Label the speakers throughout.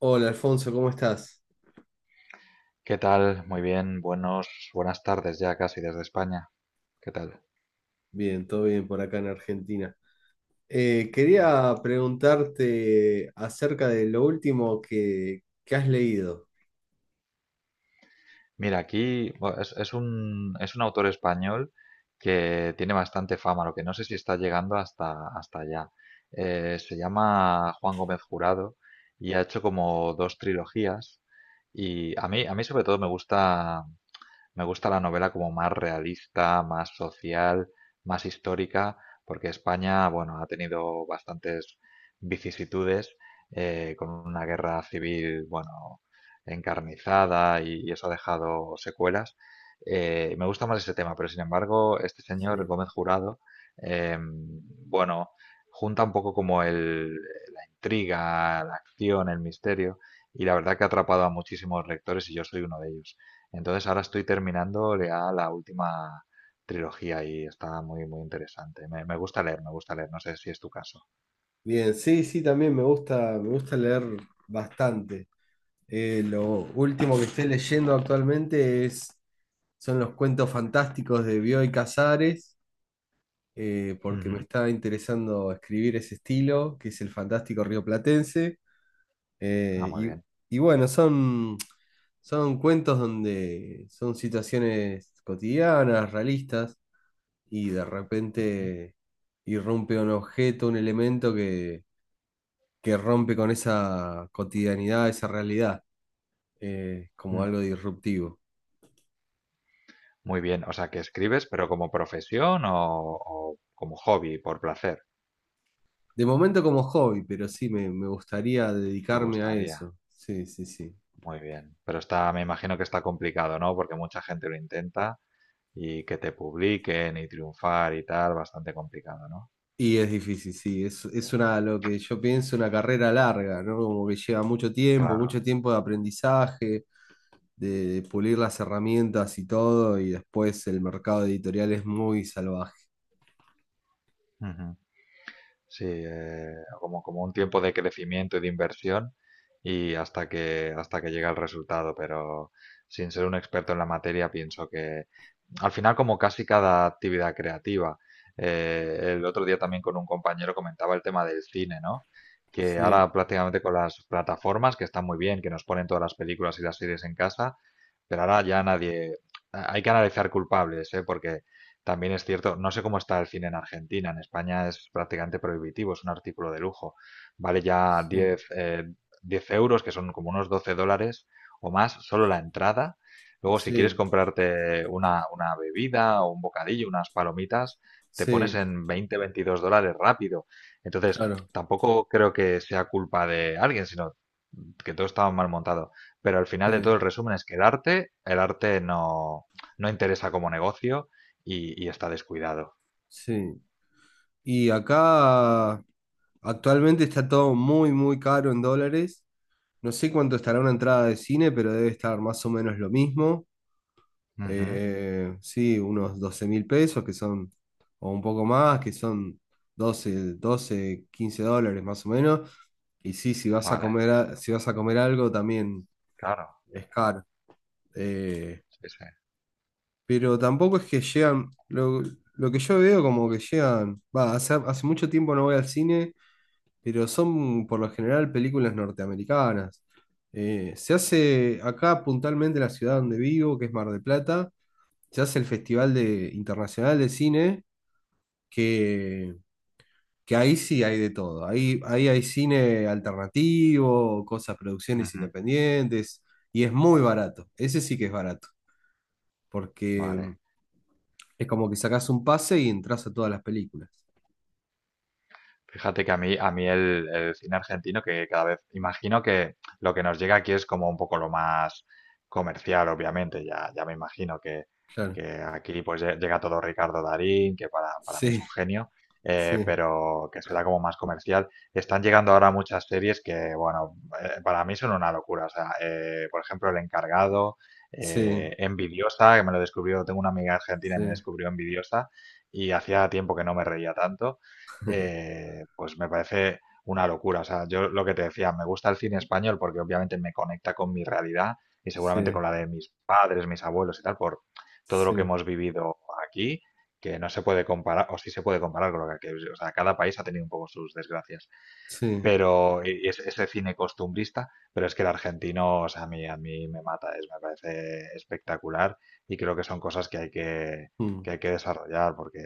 Speaker 1: Hola Alfonso, ¿cómo estás?
Speaker 2: ¿Qué tal? Muy bien, buenas tardes ya casi desde España. ¿Qué tal?
Speaker 1: Bien, todo bien por acá en Argentina.
Speaker 2: Muy bien.
Speaker 1: Quería preguntarte acerca de lo último que has leído.
Speaker 2: Mira, aquí bueno, es un autor español que tiene bastante fama, lo que no sé si está llegando hasta allá. Se llama Juan Gómez Jurado y ha hecho como dos trilogías. Y a mí sobre todo me gusta la novela como más realista, más social, más histórica, porque España, bueno, ha tenido bastantes vicisitudes con una guerra civil, bueno, encarnizada y eso ha dejado secuelas. Me gusta más ese tema, pero sin embargo, este señor
Speaker 1: Sí.
Speaker 2: Gómez Jurado, eh, bueno, junta un poco como la intriga, la acción, el misterio, y la verdad que ha atrapado a muchísimos lectores y yo soy uno de ellos. Entonces ahora estoy terminando ya la última trilogía y está muy, muy interesante. Me gusta leer, no sé si es tu caso.
Speaker 1: Bien, sí, sí, también me gusta leer bastante. Lo último que estoy leyendo actualmente son los cuentos fantásticos de Bioy Casares, porque me
Speaker 2: Ujú.
Speaker 1: está interesando escribir ese estilo, que es el fantástico rioplatense.
Speaker 2: Ah,
Speaker 1: Eh,
Speaker 2: muy
Speaker 1: y,
Speaker 2: bien.
Speaker 1: y bueno, son cuentos donde son situaciones cotidianas, realistas, y de
Speaker 2: Ujú.
Speaker 1: repente irrumpe un objeto, un elemento que rompe con esa cotidianidad, esa realidad, como
Speaker 2: Mm.
Speaker 1: algo disruptivo.
Speaker 2: Muy bien, o sea, que escribes, pero como profesión o como hobby, por placer,
Speaker 1: De momento como hobby, pero sí, me gustaría
Speaker 2: ¿te
Speaker 1: dedicarme a
Speaker 2: gustaría?
Speaker 1: eso. Sí, sí, sí.
Speaker 2: Muy bien, pero está, me imagino que está complicado, ¿no? Porque mucha gente lo intenta y que te publiquen y triunfar y tal, bastante complicado, ¿no?
Speaker 1: Y es difícil, sí, es una, lo que yo pienso, una carrera larga, ¿no? Como que lleva
Speaker 2: Claro.
Speaker 1: mucho tiempo de aprendizaje, de pulir las herramientas y todo, y después el mercado editorial es muy salvaje.
Speaker 2: Ujú. Sí, como un tiempo de crecimiento y de inversión y hasta que llega el resultado, pero sin ser un experto en la materia, pienso que al final como casi cada actividad creativa, el otro día también con un compañero comentaba el tema del cine, ¿no? Que
Speaker 1: Sí,
Speaker 2: ahora prácticamente con las plataformas, que están muy bien, que nos ponen todas las películas y las series en casa, pero ahora ya nadie. Hay que analizar culpables, ¿eh? Porque también es cierto, no sé cómo está el cine en Argentina. En España es prácticamente prohibitivo, es un artículo de lujo. Vale ya
Speaker 1: sí,
Speaker 2: 10 10 euros, que son como unos 12 dólares o más, solo la entrada. Luego, si quieres
Speaker 1: sí,
Speaker 2: comprarte una bebida o un bocadillo, unas palomitas, te pones
Speaker 1: sí,
Speaker 2: en 20 22 dólares rápido. Entonces,
Speaker 1: claro,
Speaker 2: tampoco creo que sea culpa de alguien, sino que todo estaba mal montado, pero al
Speaker 1: sí,
Speaker 2: final de todo el resumen es que el arte, no interesa como negocio y está descuidado.
Speaker 1: sí. Y acá actualmente está todo muy, muy caro en dólares. No sé cuánto estará una entrada de cine, pero debe estar más o menos lo mismo.
Speaker 2: Ujú.
Speaker 1: Sí, unos 12.000 pesos que son, o un poco más, que son doce 15 dólares más o menos. Y sí, si vas a
Speaker 2: Vale,
Speaker 1: comer, si vas a comer algo también
Speaker 2: claro.
Speaker 1: es caro. Eh,
Speaker 2: Sí, sí.
Speaker 1: pero tampoco es que llegan, lo que yo veo como que llegan, va, hace mucho tiempo no voy al cine, pero son por lo general películas norteamericanas. Se hace acá puntualmente en la ciudad donde vivo, que es Mar del Plata. Se hace el Festival de, Internacional de Cine, que, que ahí sí hay de todo. Ahí hay cine alternativo, cosas, producciones
Speaker 2: Ujú.
Speaker 1: independientes, y es muy barato. Ese sí que es barato, porque
Speaker 2: Vale.
Speaker 1: es como que sacás un pase y entras a todas las películas.
Speaker 2: Fíjate que a mí el cine argentino, que cada vez imagino que lo que nos llega aquí es como un poco lo más comercial, obviamente. Ya me imagino
Speaker 1: Claro.
Speaker 2: que aquí pues llega todo Ricardo Darín, que para mí es
Speaker 1: Sí,
Speaker 2: un genio,
Speaker 1: sí,
Speaker 2: pero que será como más comercial. Están llegando ahora muchas series que, bueno, para mí son una locura. O sea, por ejemplo, El Encargado,
Speaker 1: sí,
Speaker 2: Envidiosa, que me lo descubrió, tengo una amiga argentina y
Speaker 1: sí,
Speaker 2: me descubrió Envidiosa, y hacía tiempo que no me reía tanto, pues me parece una locura. O sea, yo lo que te decía, me gusta el cine español porque obviamente me conecta con mi realidad y
Speaker 1: sí,
Speaker 2: seguramente con la de mis padres, mis abuelos y tal, por todo lo que
Speaker 1: sí,
Speaker 2: hemos vivido aquí, que no se puede comparar, o sí se puede comparar con lo que aquí. O sea, cada país ha tenido un poco sus desgracias,
Speaker 1: sí.
Speaker 2: ese cine costumbrista, pero es que el argentino, o sea, a mí me mata, es, me parece espectacular y creo que son cosas
Speaker 1: Mm,
Speaker 2: que hay que desarrollar porque,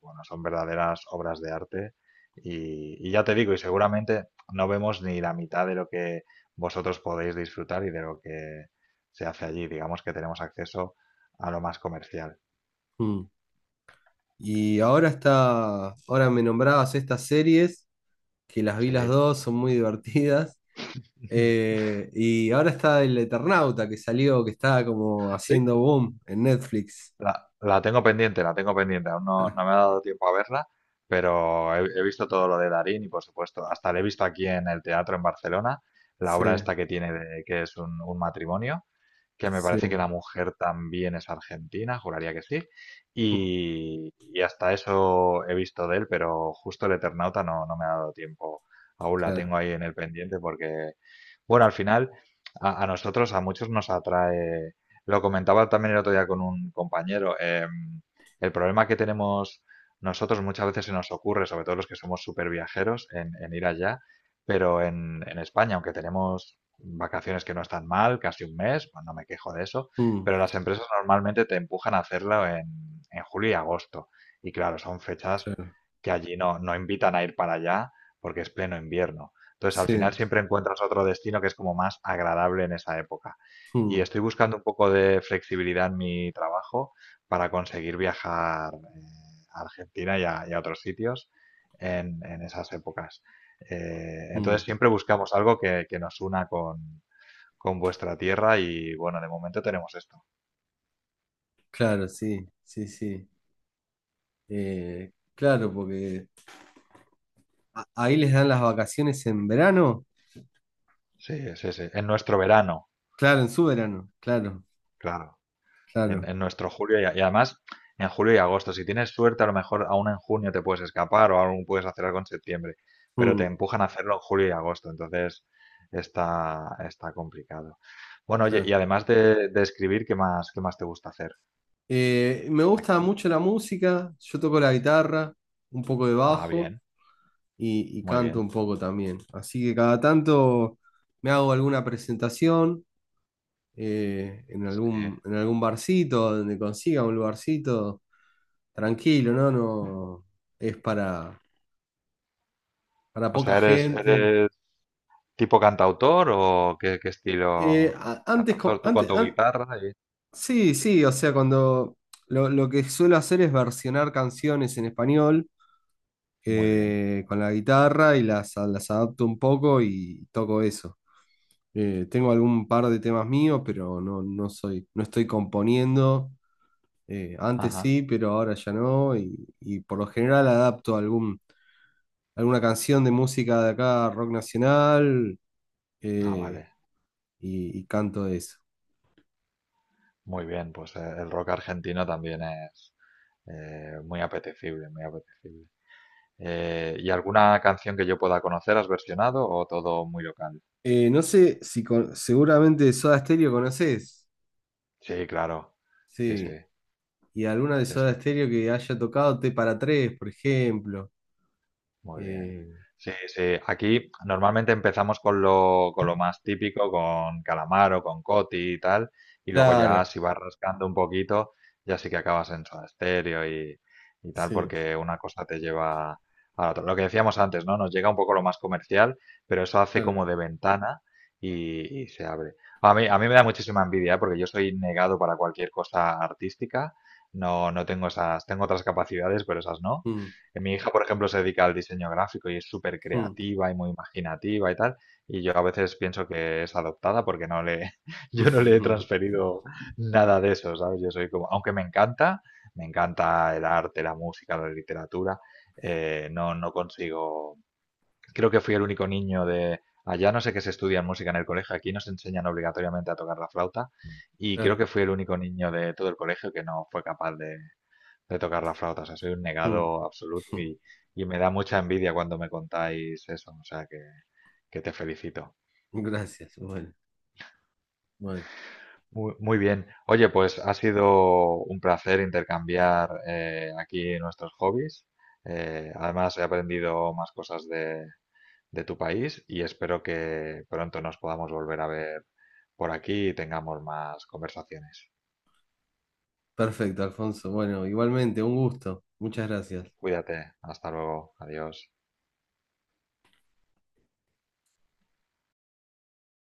Speaker 2: bueno, son verdaderas obras de arte y ya te digo, y seguramente no vemos ni la mitad de lo que vosotros podéis disfrutar y de lo que se hace allí, digamos que tenemos acceso a lo más comercial.
Speaker 1: mm. Ahora me nombrabas estas series, que las vi
Speaker 2: ¿Sí?
Speaker 1: las dos, son muy divertidas. Y ahora está el Eternauta que salió, que está como
Speaker 2: Sí.
Speaker 1: haciendo boom en Netflix.
Speaker 2: La, la tengo pendiente, la tengo pendiente. Aún no me ha dado tiempo a verla, pero he visto todo lo de Darín y, por supuesto, hasta la he visto aquí en el teatro en Barcelona, la obra
Speaker 1: Sí,
Speaker 2: esta que tiene de, que es un matrimonio que me
Speaker 1: sí,
Speaker 2: parece que la mujer también es argentina, juraría que sí.
Speaker 1: mm,
Speaker 2: Y hasta eso he visto de él, pero justo el Eternauta no me ha dado tiempo. Aún la
Speaker 1: claro,
Speaker 2: tengo ahí en el pendiente porque, bueno, al final a nosotros, a muchos nos atrae, lo comentaba también el otro día con un compañero, el problema que tenemos nosotros muchas veces se nos ocurre, sobre todo los que somos súper viajeros, en ir allá, pero en España, aunque tenemos vacaciones que no están mal, casi 1 mes, pues no me quejo de eso,
Speaker 1: mm,
Speaker 2: pero las empresas normalmente te empujan a hacerlo en julio y agosto. Y claro, son fechas
Speaker 1: claro,
Speaker 2: que allí no invitan a ir para allá porque es pleno invierno. Entonces, al final
Speaker 1: sí,
Speaker 2: siempre encuentras otro destino que es como más agradable en esa época. Y
Speaker 1: mm,
Speaker 2: estoy buscando un poco de flexibilidad en mi trabajo para conseguir viajar a Argentina y a otros sitios en esas épocas. Entonces
Speaker 1: mm,
Speaker 2: siempre buscamos algo que nos una con vuestra tierra y bueno, de momento tenemos esto.
Speaker 1: claro, sí, sí, sí. Claro, porque ahí les dan las vacaciones en verano,
Speaker 2: Sí, sí, sí. En nuestro verano,
Speaker 1: claro, en su verano, claro,
Speaker 2: claro.
Speaker 1: claro,
Speaker 2: En nuestro julio y además en julio y agosto. Si tienes suerte, a lo mejor aún en junio te puedes escapar o aún puedes hacer algo en septiembre, pero te
Speaker 1: mm,
Speaker 2: empujan a hacerlo en julio y agosto. Entonces está, está complicado. Bueno, oye, y
Speaker 1: claro.
Speaker 2: además de escribir, qué más te gusta hacer?
Speaker 1: Me gusta mucho la música, yo toco la guitarra, un poco de
Speaker 2: Ah,
Speaker 1: bajo.
Speaker 2: bien,
Speaker 1: Y
Speaker 2: muy
Speaker 1: canto
Speaker 2: bien.
Speaker 1: un poco también. Así que cada tanto me hago alguna presentación en
Speaker 2: Sí.
Speaker 1: algún, en algún barcito, donde consiga un lugarcito tranquilo, ¿no? No es para
Speaker 2: O
Speaker 1: poca
Speaker 2: sea, eres,
Speaker 1: gente.
Speaker 2: eres, ¿tipo cantautor o qué, qué estilo
Speaker 1: A- antes,
Speaker 2: cantautor?
Speaker 1: co-
Speaker 2: Tú con
Speaker 1: antes,
Speaker 2: tu
Speaker 1: an-
Speaker 2: guitarra y...
Speaker 1: Sí, sí, o sea, cuando lo que suelo hacer es versionar canciones en español
Speaker 2: Muy bien.
Speaker 1: con la guitarra y las adapto un poco y toco eso. Tengo algún par de temas míos, pero no, no soy, no estoy componiendo. Antes
Speaker 2: Ajá.
Speaker 1: sí, pero ahora ya no. Y por lo general adapto alguna canción de música de acá, rock nacional,
Speaker 2: Ah,
Speaker 1: eh,
Speaker 2: vale.
Speaker 1: y canto eso.
Speaker 2: Muy bien, pues el rock argentino también es muy apetecible, muy apetecible. ¿Y alguna canción que yo pueda conocer has versionado o todo muy local?
Speaker 1: No sé si seguramente Soda Stereo conoces.
Speaker 2: Sí, claro. Sí, sí,
Speaker 1: Sí. Y alguna de
Speaker 2: sí,
Speaker 1: Soda
Speaker 2: sí.
Speaker 1: Stereo que haya tocado T para tres, por ejemplo.
Speaker 2: Muy bien.
Speaker 1: Eh,
Speaker 2: Sí, sí. Aquí normalmente empezamos con lo más típico, con calamar o con coti y tal, y luego ya
Speaker 1: claro,
Speaker 2: si vas rascando un poquito, ya sí que acabas en Soda Stereo y tal,
Speaker 1: sí,
Speaker 2: porque una cosa te lleva a la otra. Lo que decíamos antes, ¿no? Nos llega un poco lo más comercial, pero eso hace
Speaker 1: claro.
Speaker 2: como de ventana y se abre. A mí me da muchísima envidia, ¿eh? Porque yo soy negado para cualquier cosa artística. No, no tengo esas, tengo otras capacidades, pero esas no.
Speaker 1: Mm,
Speaker 2: Que mi hija, por ejemplo, se dedica al diseño gráfico y es súper
Speaker 1: mm,
Speaker 2: creativa y muy imaginativa y tal. Y yo a veces pienso que es adoptada porque no le, yo no le he transferido nada de eso, ¿sabes? Yo soy como, aunque me encanta el arte, la música, la literatura, no consigo. Creo que fui el único niño de allá, no sé qué se estudia en música en el colegio, aquí nos enseñan obligatoriamente a tocar la flauta y creo
Speaker 1: Claro.
Speaker 2: que fui el único niño de todo el colegio que no fue capaz de tocar la flauta. O sea, soy un
Speaker 1: Mm.
Speaker 2: negado absoluto
Speaker 1: Mm.
Speaker 2: y me da mucha envidia cuando me contáis eso. O sea, que te felicito.
Speaker 1: Gracias. Bueno, Bueno,
Speaker 2: Muy, muy bien. Oye, pues ha sido un placer intercambiar aquí nuestros hobbies. Además, he aprendido más cosas de tu país y espero que pronto nos podamos volver a ver por aquí y tengamos más conversaciones.
Speaker 1: perfecto, Alfonso. Bueno, igualmente, un gusto. Muchas gracias.
Speaker 2: Cuídate. Hasta luego. Adiós.